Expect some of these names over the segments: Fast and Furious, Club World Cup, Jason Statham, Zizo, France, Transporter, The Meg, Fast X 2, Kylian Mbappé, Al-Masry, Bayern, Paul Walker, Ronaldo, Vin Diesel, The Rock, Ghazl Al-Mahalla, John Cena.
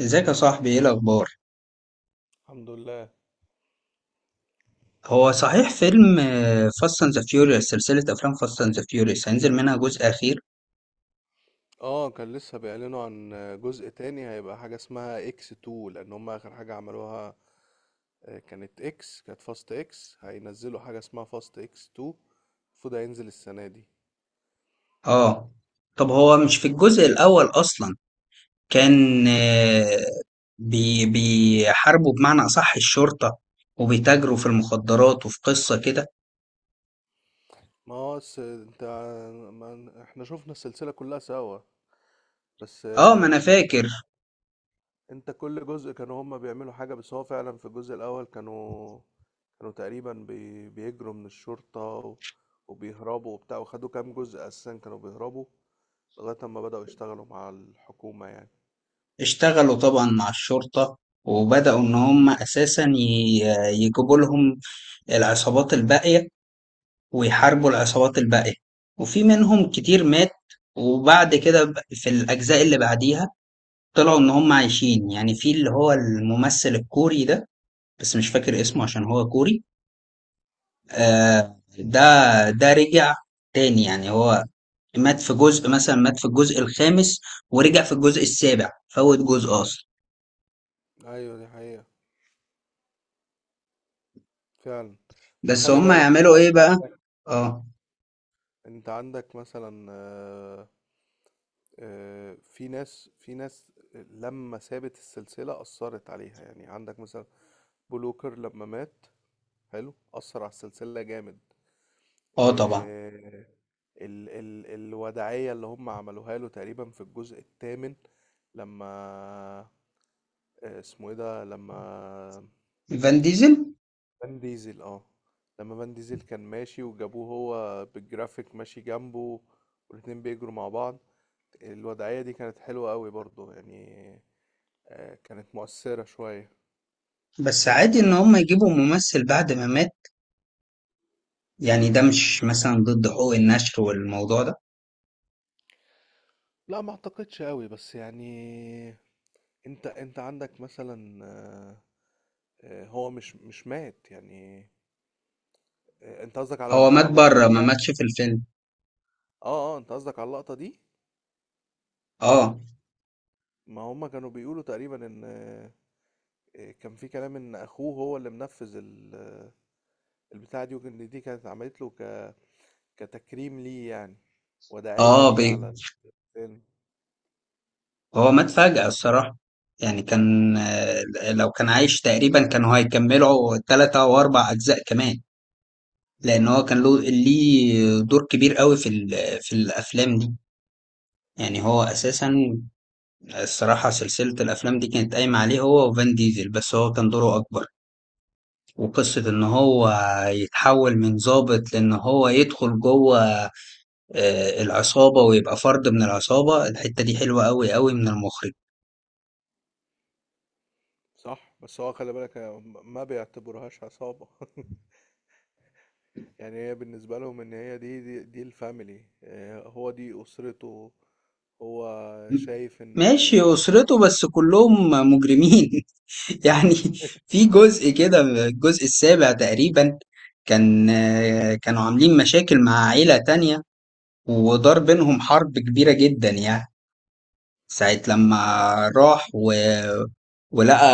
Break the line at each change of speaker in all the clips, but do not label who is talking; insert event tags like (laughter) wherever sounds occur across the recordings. ازيك يا صاحبي؟ ايه الاخبار؟
الحمد لله.
هو صحيح فيلم فاست اند ذا فيوريوس، سلسله افلام فاست اند ذا فيوريوس هينزل منها جزء اخير؟
اه، كان لسه بيعلنوا عن جزء تاني هيبقى حاجة اسمها اكس 2 لان هم اخر حاجة عملوها. كانت فاست اكس هينزلوا حاجة اسمها فاست اكس 2. المفروض هينزل السنة دي.
اه. طب هو مش في الجزء الاول اصلا كان بيحاربوا بمعنى اصح الشرطه، وبيتاجروا في المخدرات وفي قصه كده.
ما هو س- انت، ما احنا شفنا السلسلة كلها سوا. بس
اه، ما انا فاكر.
انت، كل جزء كانوا هم بيعملوا حاجة، بس هو فعلا في الجزء الاول كانوا تقريبا بيجروا من الشرطة وبيهربوا وبتاع، وخدوا كام جزء اساسا كانوا بيهربوا لغاية أما بدأوا يشتغلوا مع الحكومة يعني.
اشتغلوا طبعا مع الشرطه وبداوا ان هم اساسا يجيبوا لهم العصابات الباقيه، ويحاربوا العصابات الباقية، وفي منهم كتير مات. وبعد كده في الأجزاء اللي بعديها طلعوا إن هم عايشين، يعني في اللي هو الممثل الكوري ده، بس مش فاكر اسمه
مم.
عشان هو كوري.
مم.
آه، ده. ده رجع تاني، يعني هو مات في جزء، مثلا مات في الجزء الخامس ورجع في الجزء السابع، فوت جزء أصلا.
ايوه، دي حقيقة فعلا. بس
بس
خلي
هم
بالك
يعملوا إيه
هو،
بقى؟ اه.
انت عندك مثلا، في ناس، لما سابت السلسلة أثرت عليها، يعني عندك مثلا بلوكر لما مات، حلو أثر على السلسلة جامد.
اه طبعا.
آه، ال ال الوداعية اللي هم عملوها له تقريبا في الجزء الثامن، لما، اسمه ايه ده، لما
فان ديزل.
فان ديزل، اه، لما فان ديزل كان ماشي وجابوه هو بالجرافيك ماشي جنبه، والاتنين بيجروا مع بعض. الوضعية دي كانت حلوة قوي برضو يعني، كانت مؤثرة شوية.
بس عادي إن هم يجيبوا ممثل بعد ما مات؟ يعني ده مش مثلا ضد حقوق النشر والموضوع ده؟
لا، ما اعتقدش قوي، بس يعني انت عندك مثلا، هو مش مات يعني. انت قصدك على
هو
على
مات
اللقطة
بره،
دي
ما ماتش
يعني.
في الفيلم.
اه اه، انت قصدك على اللقطة دي.
اه،
ما هما كانوا بيقولوا تقريبا ان، كان في كلام ان اخوه هو اللي منفذ البتاعة دي، وكان دي كانت عملت له كتكريم ليه يعني، وداعية
اه
ليه
بي.
على الفيلم.
هو مات فجأة الصراحة، يعني كان لو كان عايش تقريبا كانوا هيكملوا 3 او 4 اجزاء كمان، لان هو كان ليه دور كبير قوي في في الافلام دي. يعني هو اساسا، الصراحة سلسلة الافلام دي كانت قايمة عليه هو وفان ديزل، بس هو كان دوره اكبر. وقصة ان هو يتحول من ضابط لان هو يدخل جوه العصابة ويبقى فرد من العصابة، الحتة دي حلوة أوي أوي من المخرج.
صح، بس هو خلي بالك ما بيعتبرهاش عصابة (laughs) يعني هي بالنسبة لهم ان هي، دي الفاميلي، هو دي اسرته، هو شايف ان
ماشي،
(laughs)
أسرته بس كلهم مجرمين (laughs) يعني.
آه،
في جزء كده، الجزء السابع تقريبا، كان كانوا عاملين مشاكل مع عيلة تانية، ودار بينهم حرب كبيرة جدا، يعني ساعة لما
اه،
راح ولقى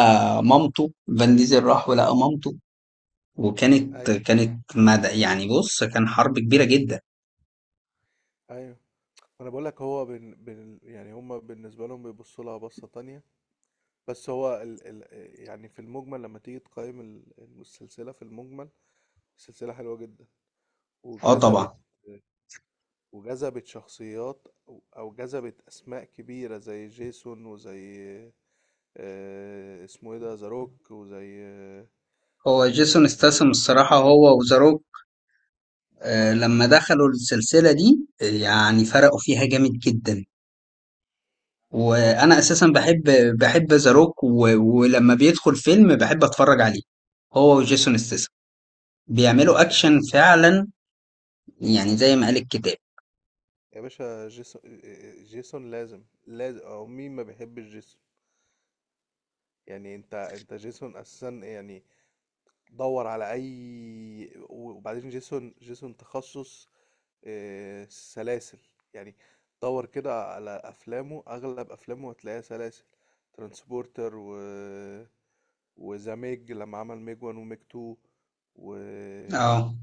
مامته. فان ديزل راح ولقى مامته، وكانت
ايوه
كانت مدى، يعني بص، كان حرب كبيرة جدا.
ايوه. انا بقول لك هو يعني هما بالنسبة لهم بيبصوا لها بصة تانية. بس هو يعني في المجمل، لما تيجي تقيم السلسلة، في المجمل السلسلة حلوة جدا،
اه
وجذبت
طبعا.
وجذبت شخصيات، أو جذبت أسماء كبيرة زي جيسون، وزي، اسمه إيه ده، ذا روك، وزي،
هو جيسون استاسم
جون
الصراحة،
سينا.
هو وذا. لما دخلوا السلسلة دي يعني فرقوا فيها جامد جدا.
بالظبط،
وأنا
بس
أساسا بحب ذا روك، ولما بيدخل فيلم بحب أتفرج عليه، هو وجيسون استاسم. بيعملوا أكشن
جيسون،
فعلا، يعني زي ما قال الكتاب.
يا باشا، جيسون، جيسون لازم، أو مين ما بيحبش جيسون؟ يعني أنت جيسون أساسا يعني. دور على أي. وبعدين جيسون، تخصص سلاسل يعني. دور كده على افلامه، اغلب افلامه هتلاقيها سلاسل، ترانسبورتر، وذا ميج لما عمل ميج 1 وميج 2، و
اه.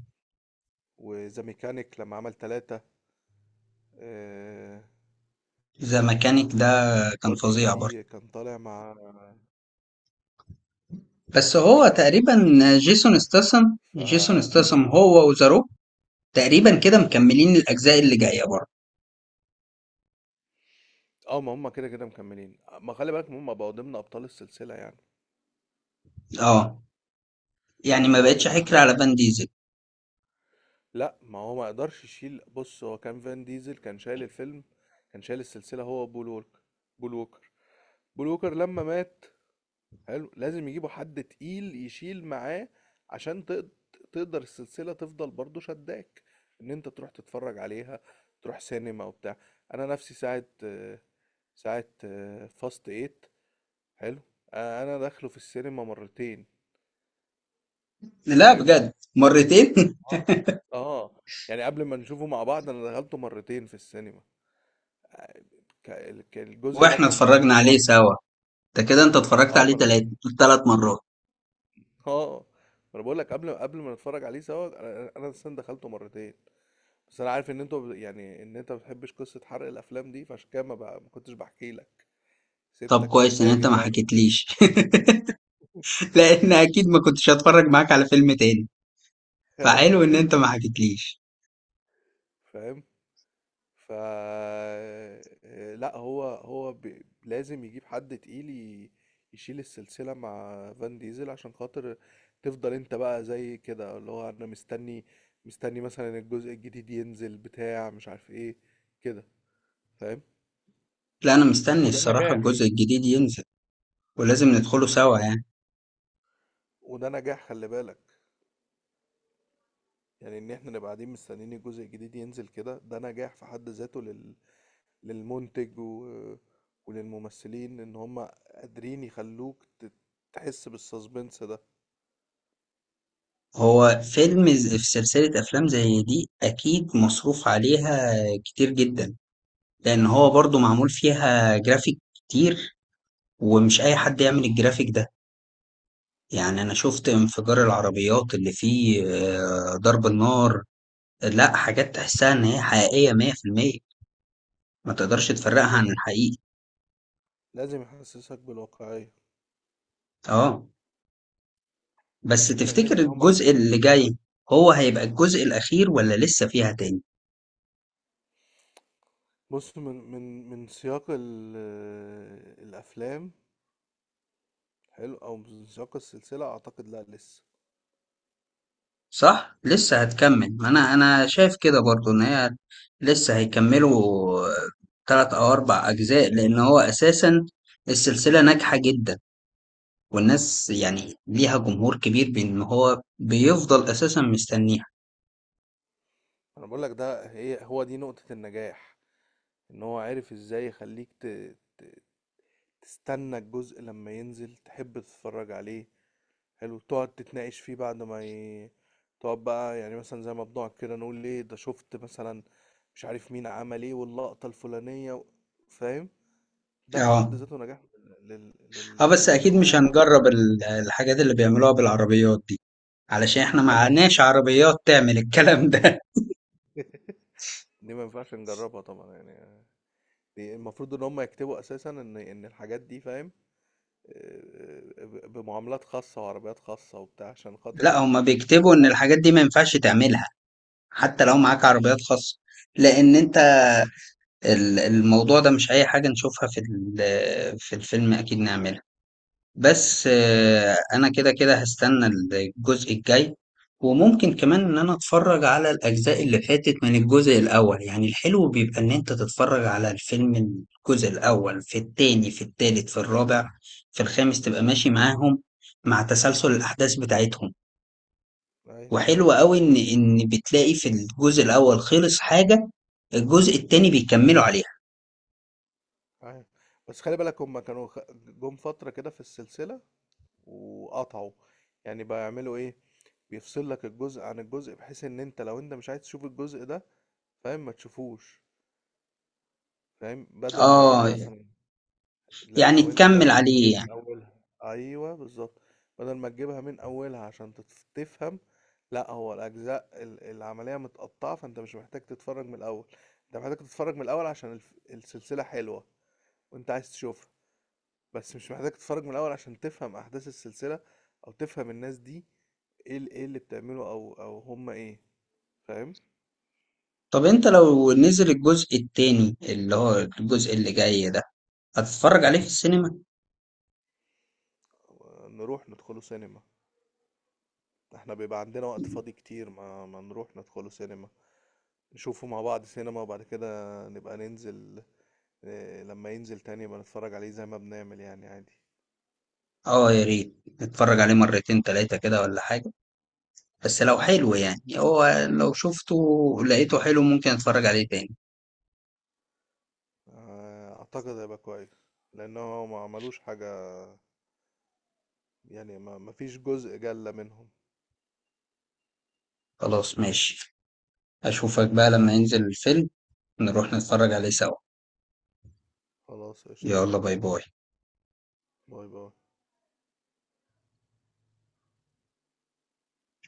وذا ميكانيك لما عمل تلاتة، آه،
ذا ميكانيك ده كان
برضو
فظيع برضه.
كان طالع مع
بس
ذا
هو
ميج، اه كان
تقريبا
حلو.
جيسون استاسم.
ف
جيسون استاسم هو وذا روك، تقريبا كده مكملين الأجزاء اللي جاية برضه.
اه، ما هم كده كده مكملين، ما خلي بالك هم بقوا ضمن ابطال السلسلة يعني.
اه، يعني
يعني
ما
هو انت
بقتش
كان
حكر
عندك،
على فان ديزل.
لا، ما هو ما قدرش يشيل. بص، هو كان، فان ديزل كان شايل الفيلم، كان شايل السلسلة هو بول ووكر. بول ووكر بول ووكر لما مات، حلو لازم يجيبوا حد تقيل يشيل معاه، عشان تقدر السلسلة تفضل برضو شداك ان انت تروح تتفرج عليها، تروح سينما وبتاع. انا نفسي ساعة، ساعة فاست ايت، حلو. انا داخله في السينما مرتين،
لا،
فاهم.
بجد، مرتين.
اه اه، يعني قبل ما نشوفه مع بعض انا دخلته مرتين في السينما.
(laughs)
الجزء ده
واحنا
كان
اتفرجنا عليه
تحفه.
سوا، ده كده انت اتفرجت
اه ما
عليه
انا
تلات
بقول
تلات مرات.
اه، ما انا بقول لك، قبل ما نتفرج عليه سوا، انا السن دخلته مرتين. بس انا عارف ان انت، يعني ان انت ما بتحبش قصه حرق الافلام دي، فعشان كده ما, بقى ما كنتش بحكي لك،
طب
سبتك
كويس ان انت
تتفاجئ
ما
بقى بالفيلم.
حكيتليش. (laughs) لان اكيد ما كنتش هتفرج معاك على فيلم تاني، فحلو ان
(laughs)
انت ما حكيتليش.
فاهم. ف لا، هو هو لازم يجيب حد تقيل يشيل السلسلة مع فان ديزل، عشان خاطر تفضل انت بقى زي كده، اللي هو انا مستني، مثلا الجزء الجديد ينزل بتاع، مش عارف ايه، كده، فاهم.
لا، انا مستني
وده
الصراحة
نجاح
الجزء الجديد ينزل، ولازم ندخله سوا يعني.
وده نجاح، خلي بالك. يعني ان احنا نبقى قاعدين مستنيين الجزء الجديد ينزل كده، ده نجاح في حد ذاته للمنتج، وللممثلين، ان هم قادرين يخلوك تحس بالسسبنس ده.
هو فيلم في سلسلة افلام زي دي اكيد مصروف عليها كتير جدا، لان هو برضو معمول فيها جرافيك كتير، ومش اي حد يعمل الجرافيك ده. يعني أنا شفت انفجار العربيات اللي فيه ضرب النار. لا، حاجات تحسها إن هي حقيقية 100%، ما تقدرش تفرقها عن
آه،
الحقيقي.
لازم يحسسك بالواقعية.
اه. بس
لأن
تفتكر
أنت لو ما.
الجزء اللي جاي هو هيبقى الجزء الأخير ولا لسه فيها تاني؟
بص، من سياق الأفلام، حلو، أو من سياق السلسلة، أعتقد لا، لسه.
صح؟ لسه هتكمل، ما أنا شايف كده برضو إن هي لسه هيكملوا 3 أو 4 أجزاء، لأن هو أساسا السلسلة ناجحة جدا والناس يعني ليها جمهور كبير، بإن هو بيفضل أساسا مستنيها.
أنا بقول لك، ده، هي، هو دي نقطة النجاح، إن هو عارف إزاي يخليك ت... تستنى الجزء لما ينزل، تحب تتفرج عليه، حلو تقعد تتناقش فيه بعد ما تقعد بقى يعني، مثلا زي ما بنقعد كده نقول ليه، ده شفت مثلا مش عارف مين عمل ايه واللقطة الفلانية فاهم، ده في حد
اه.
ذاته نجاح
اه، بس اكيد مش
للكرو.
هنجرب الحاجات اللي بيعملوها بالعربيات دي، علشان احنا
لا، ما ينفعش
معناش
نجربها
عربيات تعمل الكلام ده.
(laughs) دي ما ينفعش نجربها طبعا يعني، دي المفروض ان هم يكتبوا اساسا ان الحاجات دي، فاهم، بمعاملات خاصة وعربيات خاصة وبتاع، عشان
(laughs)
خاطر
لا،
ايه؟
هما بيكتبوا ان
عارف.
الحاجات دي ما ينفعش تعملها حتى لو معاك عربيات خاصة. لان انت الموضوع ده مش اي حاجة نشوفها في في الفيلم اكيد نعملها. بس انا كده كده هستنى الجزء الجاي. وممكن كمان ان انا اتفرج على الاجزاء اللي فاتت من الجزء الاول، يعني الحلو بيبقى ان انت تتفرج على الفيلم، الجزء الاول، في التاني، في التالت، في الرابع، في الخامس، تبقى ماشي معاهم مع تسلسل الاحداث بتاعتهم.
ايوه
وحلو قوي ان بتلاقي في الجزء الاول خلص حاجة، الجزء التاني بيكملوا عليها.
ايوه، بس خلي بالك هم كانوا جم فترة كده في السلسلة، وقطعوا يعني، بقى يعملوا ايه، بيفصل لك الجزء عن الجزء، بحيث ان انت لو انت مش عايز تشوف الجزء ده، فاهم، ما تشوفوش. فاهم، بدل ما
اه،
يعني مثلا، لا
يعني
لو ان
تكمل
بدل ما تجيب
عليه.
من اولها، ايوه بالظبط. بدل ما تجيبها من اولها عشان تفهم، لا هو الاجزاء العمليه متقطعه، فانت مش محتاج تتفرج من الاول. انت محتاج تتفرج من الاول عشان السلسله حلوه وانت عايز تشوفها، بس مش محتاج تتفرج من الاول عشان تفهم احداث السلسله او تفهم الناس دي، ايه ايه اللي بتعمله، او هم ايه، فاهم.
طب انت لو نزل الجزء التاني اللي هو الجزء اللي جاي ده هتتفرج عليه في السينما؟
نروح ندخلوا سينما، احنا بيبقى عندنا وقت فاضي كتير، ما نروح ندخلوا سينما، نشوفه مع بعض سينما، وبعد كده نبقى ننزل، لما ينزل تاني يبقى نتفرج عليه زي ما بنعمل يعني عادي.
اه، يا ريت اتفرج عليه مرتين تلاتة كده ولا حاجة، بس لو حلو يعني، هو لو شفته لقيته حلو ممكن اتفرج عليه تاني.
اعتقد هيبقى كويس، لان هو ما عملوش حاجة يعني، ما فيش جزء جلة منهم.
خلاص، ماشي. اشوفك بقى لما ينزل الفيلم، نروح نتفرج عليه سوا.
خلاص قشطة،
يلا، باي باي.
باي باي.